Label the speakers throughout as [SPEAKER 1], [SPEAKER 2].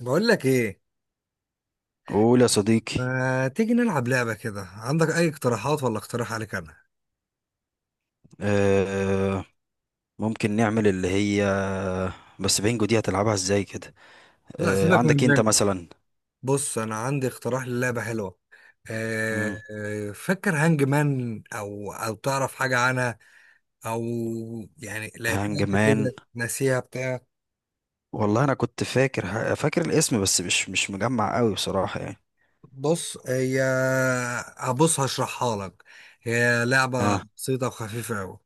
[SPEAKER 1] بقول لك ايه؟
[SPEAKER 2] قول يا صديقي.
[SPEAKER 1] ما تيجي نلعب لعبة كده؟ عندك اي اقتراحات ولا اقتراح عليك انا؟
[SPEAKER 2] آه ممكن نعمل اللي هي، بس بينجو دي هتلعبها ازاي كده؟
[SPEAKER 1] لا
[SPEAKER 2] آه،
[SPEAKER 1] سيبك
[SPEAKER 2] عندك
[SPEAKER 1] من
[SPEAKER 2] انت
[SPEAKER 1] من
[SPEAKER 2] مثلا.
[SPEAKER 1] بص انا عندي اقتراح للعبة حلوة.
[SPEAKER 2] مم.
[SPEAKER 1] فكر هانج مان او تعرف حاجة عنها؟ او يعني لعبتها
[SPEAKER 2] هانج
[SPEAKER 1] قبل
[SPEAKER 2] مان.
[SPEAKER 1] كده ناسيها بتاع.
[SPEAKER 2] والله انا كنت فاكر فاكر الاسم، بس مش مجمع قوي بصراحة يعني.
[SPEAKER 1] بص هي، هبص هشرحها لك. هي لعبة
[SPEAKER 2] اه،
[SPEAKER 1] بسيطة وخفيفة قوي.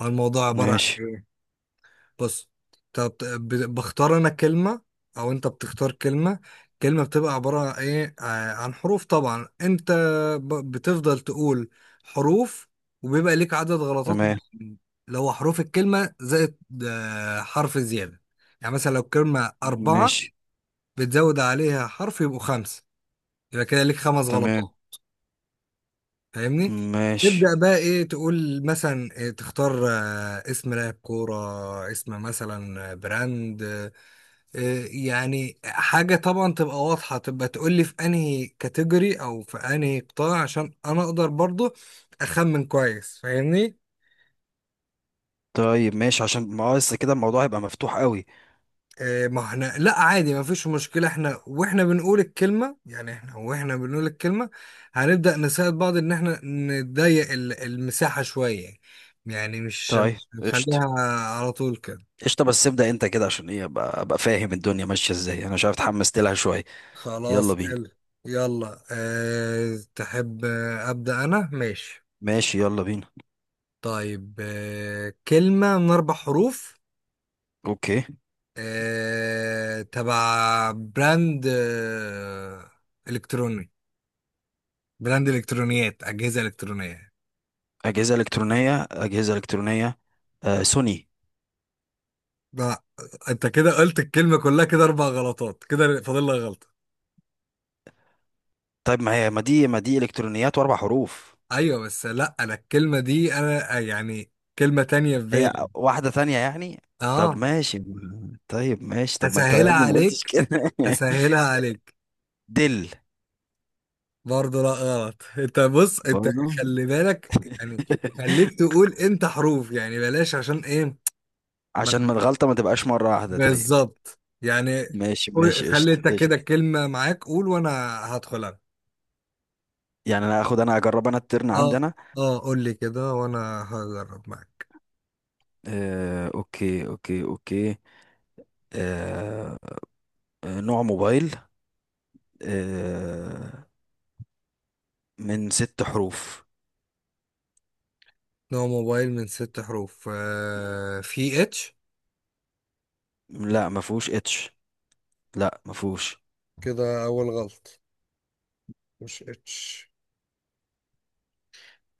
[SPEAKER 1] الموضوع عبارة عن
[SPEAKER 2] ماشي.
[SPEAKER 1] إيه؟ بص، طب بختار انا كلمة او انت بتختار كلمة. كلمة بتبقى عبارة عن ايه؟ عن حروف طبعا. انت بتفضل تقول حروف، وبيبقى ليك عدد غلطات
[SPEAKER 2] تمام.
[SPEAKER 1] معينة، اللي هو حروف الكلمة زائد حرف زيادة. يعني مثلا لو كلمة أربعة
[SPEAKER 2] ماشي.
[SPEAKER 1] بتزود عليها حرف يبقوا خمسة، يبقى كده ليك خمس
[SPEAKER 2] تمام.
[SPEAKER 1] غلطات. فاهمني؟
[SPEAKER 2] ماشي.
[SPEAKER 1] تبدأ بقى ايه، تقول مثلا إيه، تختار اسم لاعب كورة، اسم مثلا براند، يعني حاجة طبعا تبقى واضحة، تبقى تقولي في انهي كاتيجوري او في انهي قطاع، عشان انا اقدر برضو اخمن كويس. فاهمني؟
[SPEAKER 2] طيب، ماشي عشان ما هو لسه كده الموضوع هيبقى مفتوح قوي.
[SPEAKER 1] ما احنا لا عادي، ما فيش مشكلة، احنا واحنا بنقول الكلمة، يعني احنا واحنا بنقول الكلمة هنبدأ نساعد بعض ان احنا نضيق المساحة شوية. يعني مش
[SPEAKER 2] طيب
[SPEAKER 1] مش
[SPEAKER 2] قشطة.
[SPEAKER 1] نخليها على طول كده.
[SPEAKER 2] قشطة، بس ابدأ انت كده عشان ايه ابقى فاهم الدنيا ماشية ازاي، انا مش عارف، اتحمست لها شوية. يلا
[SPEAKER 1] خلاص
[SPEAKER 2] بينا.
[SPEAKER 1] حلو. يلا. أه، تحب أبدأ أنا؟ ماشي.
[SPEAKER 2] ماشي يلا بينا.
[SPEAKER 1] طيب كلمة من أربع حروف،
[SPEAKER 2] اوكي.
[SPEAKER 1] تبع براند إلكتروني، براند إلكترونيات، أجهزة إلكترونية.
[SPEAKER 2] اجهزه الكترونيه اجهزه الكترونيه. سوني.
[SPEAKER 1] لا، أنت كده قلت الكلمة كلها. كده أربع غلطات، كده فاضل لك غلطة.
[SPEAKER 2] طيب ما هي، ما دي الكترونيات واربع حروف؟
[SPEAKER 1] أيوة بس لا، أنا الكلمة دي أنا يعني كلمة تانية في
[SPEAKER 2] هي
[SPEAKER 1] بالي.
[SPEAKER 2] واحده ثانيه يعني؟ طب
[SPEAKER 1] أه.
[SPEAKER 2] ماشي. طيب ماشي، طب ما انت يا
[SPEAKER 1] هسهلها
[SPEAKER 2] ابني ما قلتش
[SPEAKER 1] عليك،
[SPEAKER 2] كده.
[SPEAKER 1] هسهلها عليك.
[SPEAKER 2] دل.
[SPEAKER 1] برضه لا غلط. أنت بص، أنت
[SPEAKER 2] برضو.
[SPEAKER 1] خلي بالك يعني، خليك تقول امتى حروف يعني بلاش، عشان ايه؟ ما-
[SPEAKER 2] عشان ما الغلطه ما تبقاش مره واحده. طيب.
[SPEAKER 1] بالظبط يعني.
[SPEAKER 2] ماشي ماشي
[SPEAKER 1] خلي
[SPEAKER 2] قشطه
[SPEAKER 1] انت كده
[SPEAKER 2] قشطه.
[SPEAKER 1] الكلمة معاك، قول وانا هدخل انا.
[SPEAKER 2] يعني انا اخد انا اجرب انا الترن
[SPEAKER 1] اه،
[SPEAKER 2] عندي انا.
[SPEAKER 1] اه قول لي كده وانا هجرب معاك.
[SPEAKER 2] آه اوكي اوكي اوكي. آه نوع موبايل، آه من ست حروف.
[SPEAKER 1] نوع موبايل من ست حروف؟ آه، في اتش؟
[SPEAKER 2] لا ما فيهوش اتش. لا مفهوش.
[SPEAKER 1] كده اول غلط، مش اتش.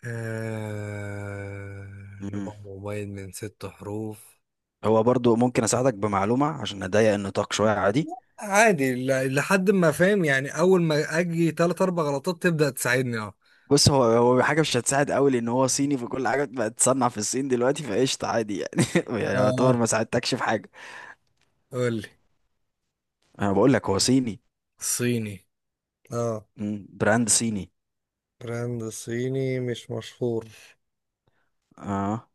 [SPEAKER 1] آه،
[SPEAKER 2] مم.
[SPEAKER 1] نوع موبايل من ست حروف.
[SPEAKER 2] هو برضو ممكن اساعدك بمعلومه عشان اضيق النطاق شويه، عادي؟
[SPEAKER 1] عادي، لحد ما فاهم يعني، اول ما اجي تلات اربع غلطات تبدأ تساعدني. اه،
[SPEAKER 2] بص، هو حاجه مش هتساعد قوي لان هو صيني، فكل حاجه بقت تصنع في الصين دلوقتي، فقشطه عادي يعني. يعني يعتبر
[SPEAKER 1] اه
[SPEAKER 2] ما ساعدتكش في حاجه.
[SPEAKER 1] قول لي.
[SPEAKER 2] انا بقول لك هو صيني.
[SPEAKER 1] صيني؟ اه.
[SPEAKER 2] براند صيني.
[SPEAKER 1] براند صيني مش مشهور؟
[SPEAKER 2] اه.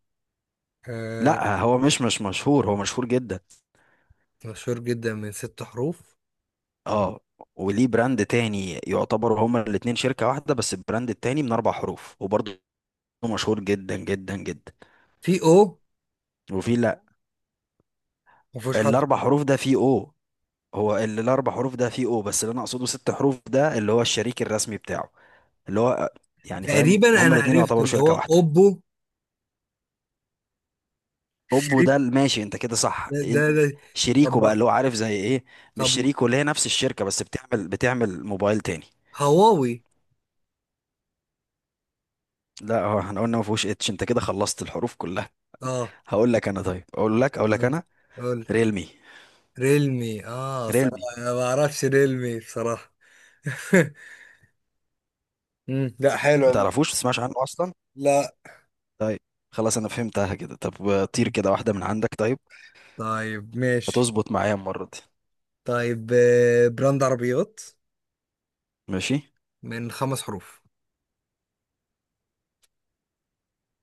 [SPEAKER 1] آه.
[SPEAKER 2] لا هو مش مشهور، هو مشهور جدا.
[SPEAKER 1] مشهور جدا من ست حروف.
[SPEAKER 2] اه. وليه براند تاني، يعتبروا هما الاتنين شركه واحده، بس البراند التاني من اربع حروف، وبرضه مشهور جدا جدا جدا.
[SPEAKER 1] في او؟
[SPEAKER 2] وفي لا.
[SPEAKER 1] مفيهوش حرف؟
[SPEAKER 2] الاربع حروف ده فيه او. هو اللي الاربع حروف ده فيه او، بس اللي انا اقصده ست حروف ده اللي هو الشريك الرسمي بتاعه. اللي هو، يعني فاهم،
[SPEAKER 1] تقريبا
[SPEAKER 2] هما
[SPEAKER 1] انا
[SPEAKER 2] الاتنين
[SPEAKER 1] عرفت،
[SPEAKER 2] يعتبروا
[SPEAKER 1] اللي هو
[SPEAKER 2] شركة واحدة.
[SPEAKER 1] اوبو
[SPEAKER 2] اوبو
[SPEAKER 1] شريك.
[SPEAKER 2] ده ماشي، انت كده صح.
[SPEAKER 1] ده، ده، ده. طب
[SPEAKER 2] شريكه بقى
[SPEAKER 1] ما-
[SPEAKER 2] اللي هو، عارف زي ايه، مش
[SPEAKER 1] طب ما-
[SPEAKER 2] شريكه، اللي هي نفس الشركة بس بتعمل موبايل تاني.
[SPEAKER 1] هواوي؟
[SPEAKER 2] لا هو احنا قلنا ما فيهوش اتش، انت كده خلصت الحروف كلها.
[SPEAKER 1] اه.
[SPEAKER 2] هقول لك انا، طيب اقول لك
[SPEAKER 1] آه.
[SPEAKER 2] انا.
[SPEAKER 1] قول.
[SPEAKER 2] ريلمي.
[SPEAKER 1] ريلمي؟ اه
[SPEAKER 2] ريلمي.
[SPEAKER 1] صراحة انا ما اعرفش ريلمي بصراحة. مم، لا
[SPEAKER 2] ما
[SPEAKER 1] حلوة دي.
[SPEAKER 2] تعرفوش، ما تسمعش عنه اصلا؟
[SPEAKER 1] لا.
[SPEAKER 2] طيب. خلاص انا فهمتها كده، طب طير كده واحدة من عندك، طيب.
[SPEAKER 1] طيب ماشي.
[SPEAKER 2] هتظبط معايا المرة دي.
[SPEAKER 1] طيب براند عربيات
[SPEAKER 2] ماشي.
[SPEAKER 1] من خمس حروف.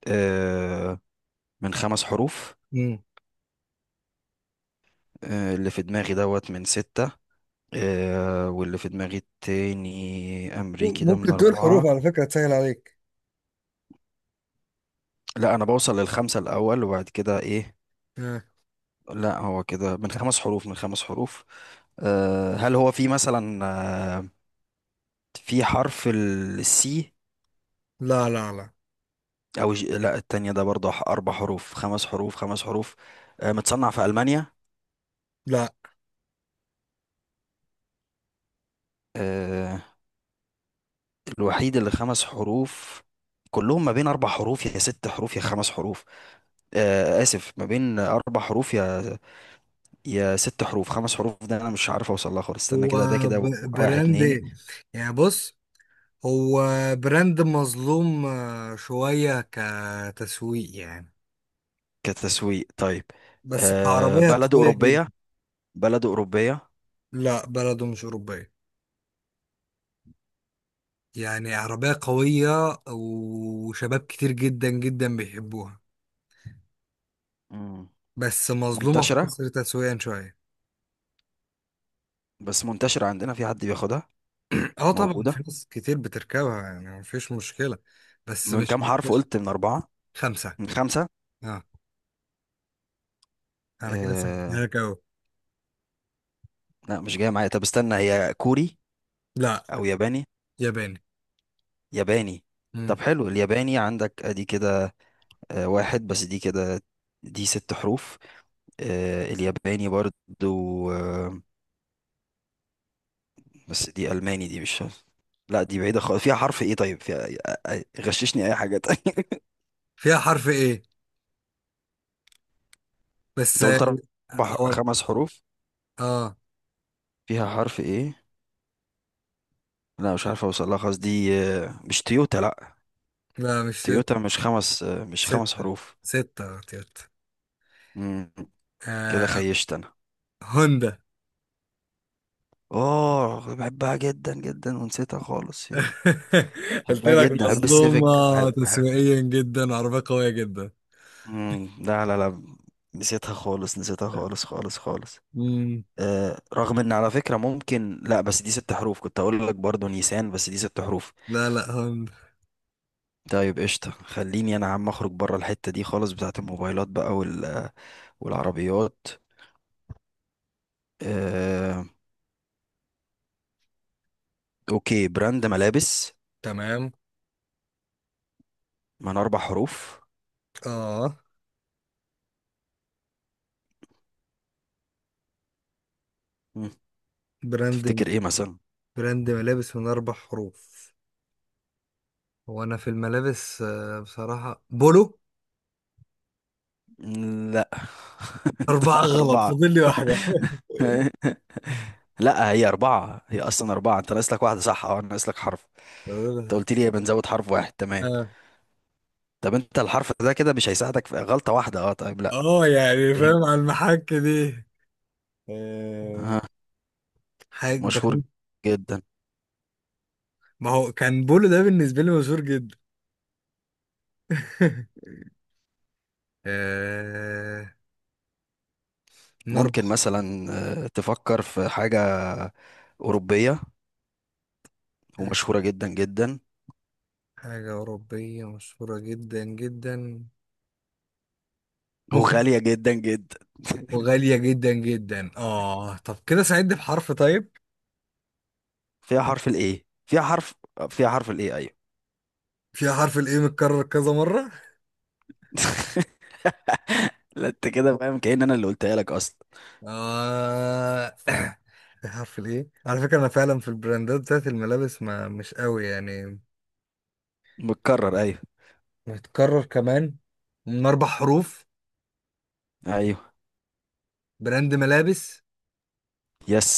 [SPEAKER 2] آه، من خمس حروف.
[SPEAKER 1] مم.
[SPEAKER 2] اللي في دماغي دوت من ستة، واللي في دماغي التاني أمريكي ده من
[SPEAKER 1] ممكن تقول حروف
[SPEAKER 2] أربعة.
[SPEAKER 1] على فكرة تسهل عليك.
[SPEAKER 2] لا أنا بوصل للخمسة الأول وبعد كده إيه. لا هو كده من خمس حروف من خمس حروف. هل هو في مثلا، آه، في حرف السي؟
[SPEAKER 1] لا لا لا،
[SPEAKER 2] أو لا، التانية ده برضه أربع حروف، خمس حروف، خمس حروف. متصنع في ألمانيا.
[SPEAKER 1] لا.
[SPEAKER 2] آه، الوحيد اللي خمس حروف، كلهم ما بين أربع حروف يا ست حروف يا خمس حروف. آسف، ما بين أربع حروف يا ست حروف، خمس حروف ده أنا مش عارف أوصل لها خالص. استنى
[SPEAKER 1] هو
[SPEAKER 2] كده، ده كده واحد
[SPEAKER 1] براند
[SPEAKER 2] اتنين.
[SPEAKER 1] ايه يعني؟ بص، هو براند مظلوم شوية كتسويق يعني،
[SPEAKER 2] كتسويق طيب.
[SPEAKER 1] بس كعربية
[SPEAKER 2] بلد
[SPEAKER 1] قوية جدا.
[SPEAKER 2] أوروبية، بلد أوروبية.
[SPEAKER 1] لا بلده مش أوروبية، يعني عربية قوية وشباب كتير جدا جدا بيحبوها،
[SPEAKER 2] مم.
[SPEAKER 1] بس مظلومة في
[SPEAKER 2] منتشرة.
[SPEAKER 1] مصر تسويقيا شوية.
[SPEAKER 2] بس منتشرة عندنا، في حد بياخدها؟
[SPEAKER 1] اه طبعا في
[SPEAKER 2] موجودة.
[SPEAKER 1] ناس كتير بتركبها، يعني مفيش مشكلة، بس
[SPEAKER 2] من كام حرف قلت، من أربعة؟
[SPEAKER 1] خمسة.
[SPEAKER 2] من خمسة.
[SPEAKER 1] اه. انا كده سجلتها
[SPEAKER 2] آه.
[SPEAKER 1] لك اهو.
[SPEAKER 2] لا مش جاية معايا، طب استنى، هي كوري
[SPEAKER 1] لا.
[SPEAKER 2] أو ياباني؟
[SPEAKER 1] ياباني.
[SPEAKER 2] ياباني. طب حلو، الياباني عندك أدي كده. واحد بس دي كده، دي ست حروف. الياباني برضو، بس دي ألماني، دي مش. لا دي بعيدة خالص، فيها حرف ايه؟ طيب، فيها غششني اي حاجة تانية.
[SPEAKER 1] فيها حرف ايه بس،
[SPEAKER 2] انت
[SPEAKER 1] اه.
[SPEAKER 2] قلت اربع
[SPEAKER 1] أو...
[SPEAKER 2] خمس حروف.
[SPEAKER 1] اه.
[SPEAKER 2] فيها حرف ايه؟ لا مش عارف اوصل لها خالص، دي مش تويوتا، لا
[SPEAKER 1] لا مش
[SPEAKER 2] تويوتا
[SPEAKER 1] ستة،
[SPEAKER 2] مش خمس، مش خمس
[SPEAKER 1] ستة.
[SPEAKER 2] حروف.
[SPEAKER 1] ستة يا تيت.
[SPEAKER 2] مم، كده
[SPEAKER 1] آه...
[SPEAKER 2] خيشت انا.
[SPEAKER 1] هوندا.
[SPEAKER 2] اه بحبها جدا جدا ونسيتها خالص يا أخي.
[SPEAKER 1] قلت
[SPEAKER 2] بحبها
[SPEAKER 1] لك
[SPEAKER 2] جدا، بحب السيفيك،
[SPEAKER 1] مظلومة تسويقيا جدا، عربية قوية جدا.
[SPEAKER 2] مم، لا لا لا. نسيتها خالص، نسيتها خالص خالص خالص.
[SPEAKER 1] مم.
[SPEAKER 2] رغم ان على فكرة ممكن، لا بس دي ست حروف، كنت اقول لك برضو نيسان، بس دي ست حروف.
[SPEAKER 1] لا لا، هوندا.
[SPEAKER 2] طيب قشطة، خليني انا عم اخرج بره الحتة دي خالص بتاعت الموبايلات بقى والعربيات. آه... اوكي، براند ملابس،
[SPEAKER 1] تمام.
[SPEAKER 2] من اربع حروف.
[SPEAKER 1] اه،
[SPEAKER 2] مم،
[SPEAKER 1] براند
[SPEAKER 2] تفتكر ايه مثلا؟
[SPEAKER 1] براند ملابس من اربع حروف. هو انا في الملابس بصراحة بولو.
[SPEAKER 2] مم، لا. انت
[SPEAKER 1] اربعة غلط،
[SPEAKER 2] اربعة.
[SPEAKER 1] فاضل لي واحدة.
[SPEAKER 2] لا هي اربعة، هي اصلا اربعة، انت ناقص لك واحدة، صح، اه ناقص لك حرف.
[SPEAKER 1] فاضل لي
[SPEAKER 2] انت
[SPEAKER 1] واحدة.
[SPEAKER 2] قلت لي بنزود حرف واحد، تمام.
[SPEAKER 1] اه.
[SPEAKER 2] طب انت الحرف ده كده مش هيساعدك في غلطة واحدة، اه طيب لا.
[SPEAKER 1] يعني
[SPEAKER 2] فيلم
[SPEAKER 1] فاهم، على المحك دي. آه، حاجة
[SPEAKER 2] مشهور
[SPEAKER 1] براند.
[SPEAKER 2] جدا.
[SPEAKER 1] ما هو كان بولو ده بالنسبة لي مشهور جدا. آه،
[SPEAKER 2] ممكن
[SPEAKER 1] نربح.
[SPEAKER 2] مثلا، تفكر في حاجة أوروبية ومشهورة جدا جدا
[SPEAKER 1] حاجة أوروبية مشهورة جدا جدا؟ ممكن.
[SPEAKER 2] وغالية جدا جدا.
[SPEAKER 1] وغالية جدا جدا؟ اه، طب كده ساعدني بحرف طيب.
[SPEAKER 2] فيها حرف الايه، فيها حرف. فيها حرف الايه، ايوه.
[SPEAKER 1] فيها حرف الايه متكرر كذا مرة.
[SPEAKER 2] لا انت كده فاهم، كأن انا اللي قلتها لك اصلا.
[SPEAKER 1] اه. فيها حرف الايه على فكرة، انا فعلا في البراندات بتاعت الملابس ما مش قوي يعني.
[SPEAKER 2] متكرر، ايوه.
[SPEAKER 1] متكرر كمان، من اربع حروف،
[SPEAKER 2] ايوه.
[SPEAKER 1] براند ملابس.
[SPEAKER 2] يس.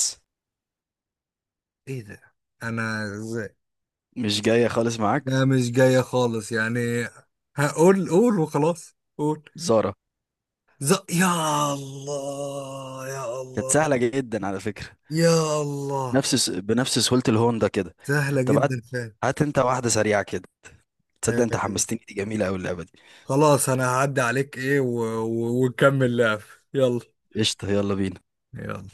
[SPEAKER 1] ايه ده؟ انا
[SPEAKER 2] مش جاية خالص معاك.
[SPEAKER 1] لا مش جاية خالص يعني. هقول، قول وخلاص، قول.
[SPEAKER 2] زارا.
[SPEAKER 1] ز... يا الله، يا
[SPEAKER 2] كانت
[SPEAKER 1] الله،
[SPEAKER 2] سهلة جدا على فكرة.
[SPEAKER 1] يا الله.
[SPEAKER 2] بنفس سهولة الهوندا كده.
[SPEAKER 1] سهلة
[SPEAKER 2] طب هات
[SPEAKER 1] جدا فعلا.
[SPEAKER 2] هات انت واحدة سريعة كده. تصدق، انت
[SPEAKER 1] آه،
[SPEAKER 2] حمستني، دي جميلة قوي اللعبة دي.
[SPEAKER 1] خلاص انا هعدي عليك، ايه وكمل لعب. يلا.
[SPEAKER 2] قشطة يلا بينا.
[SPEAKER 1] يلا.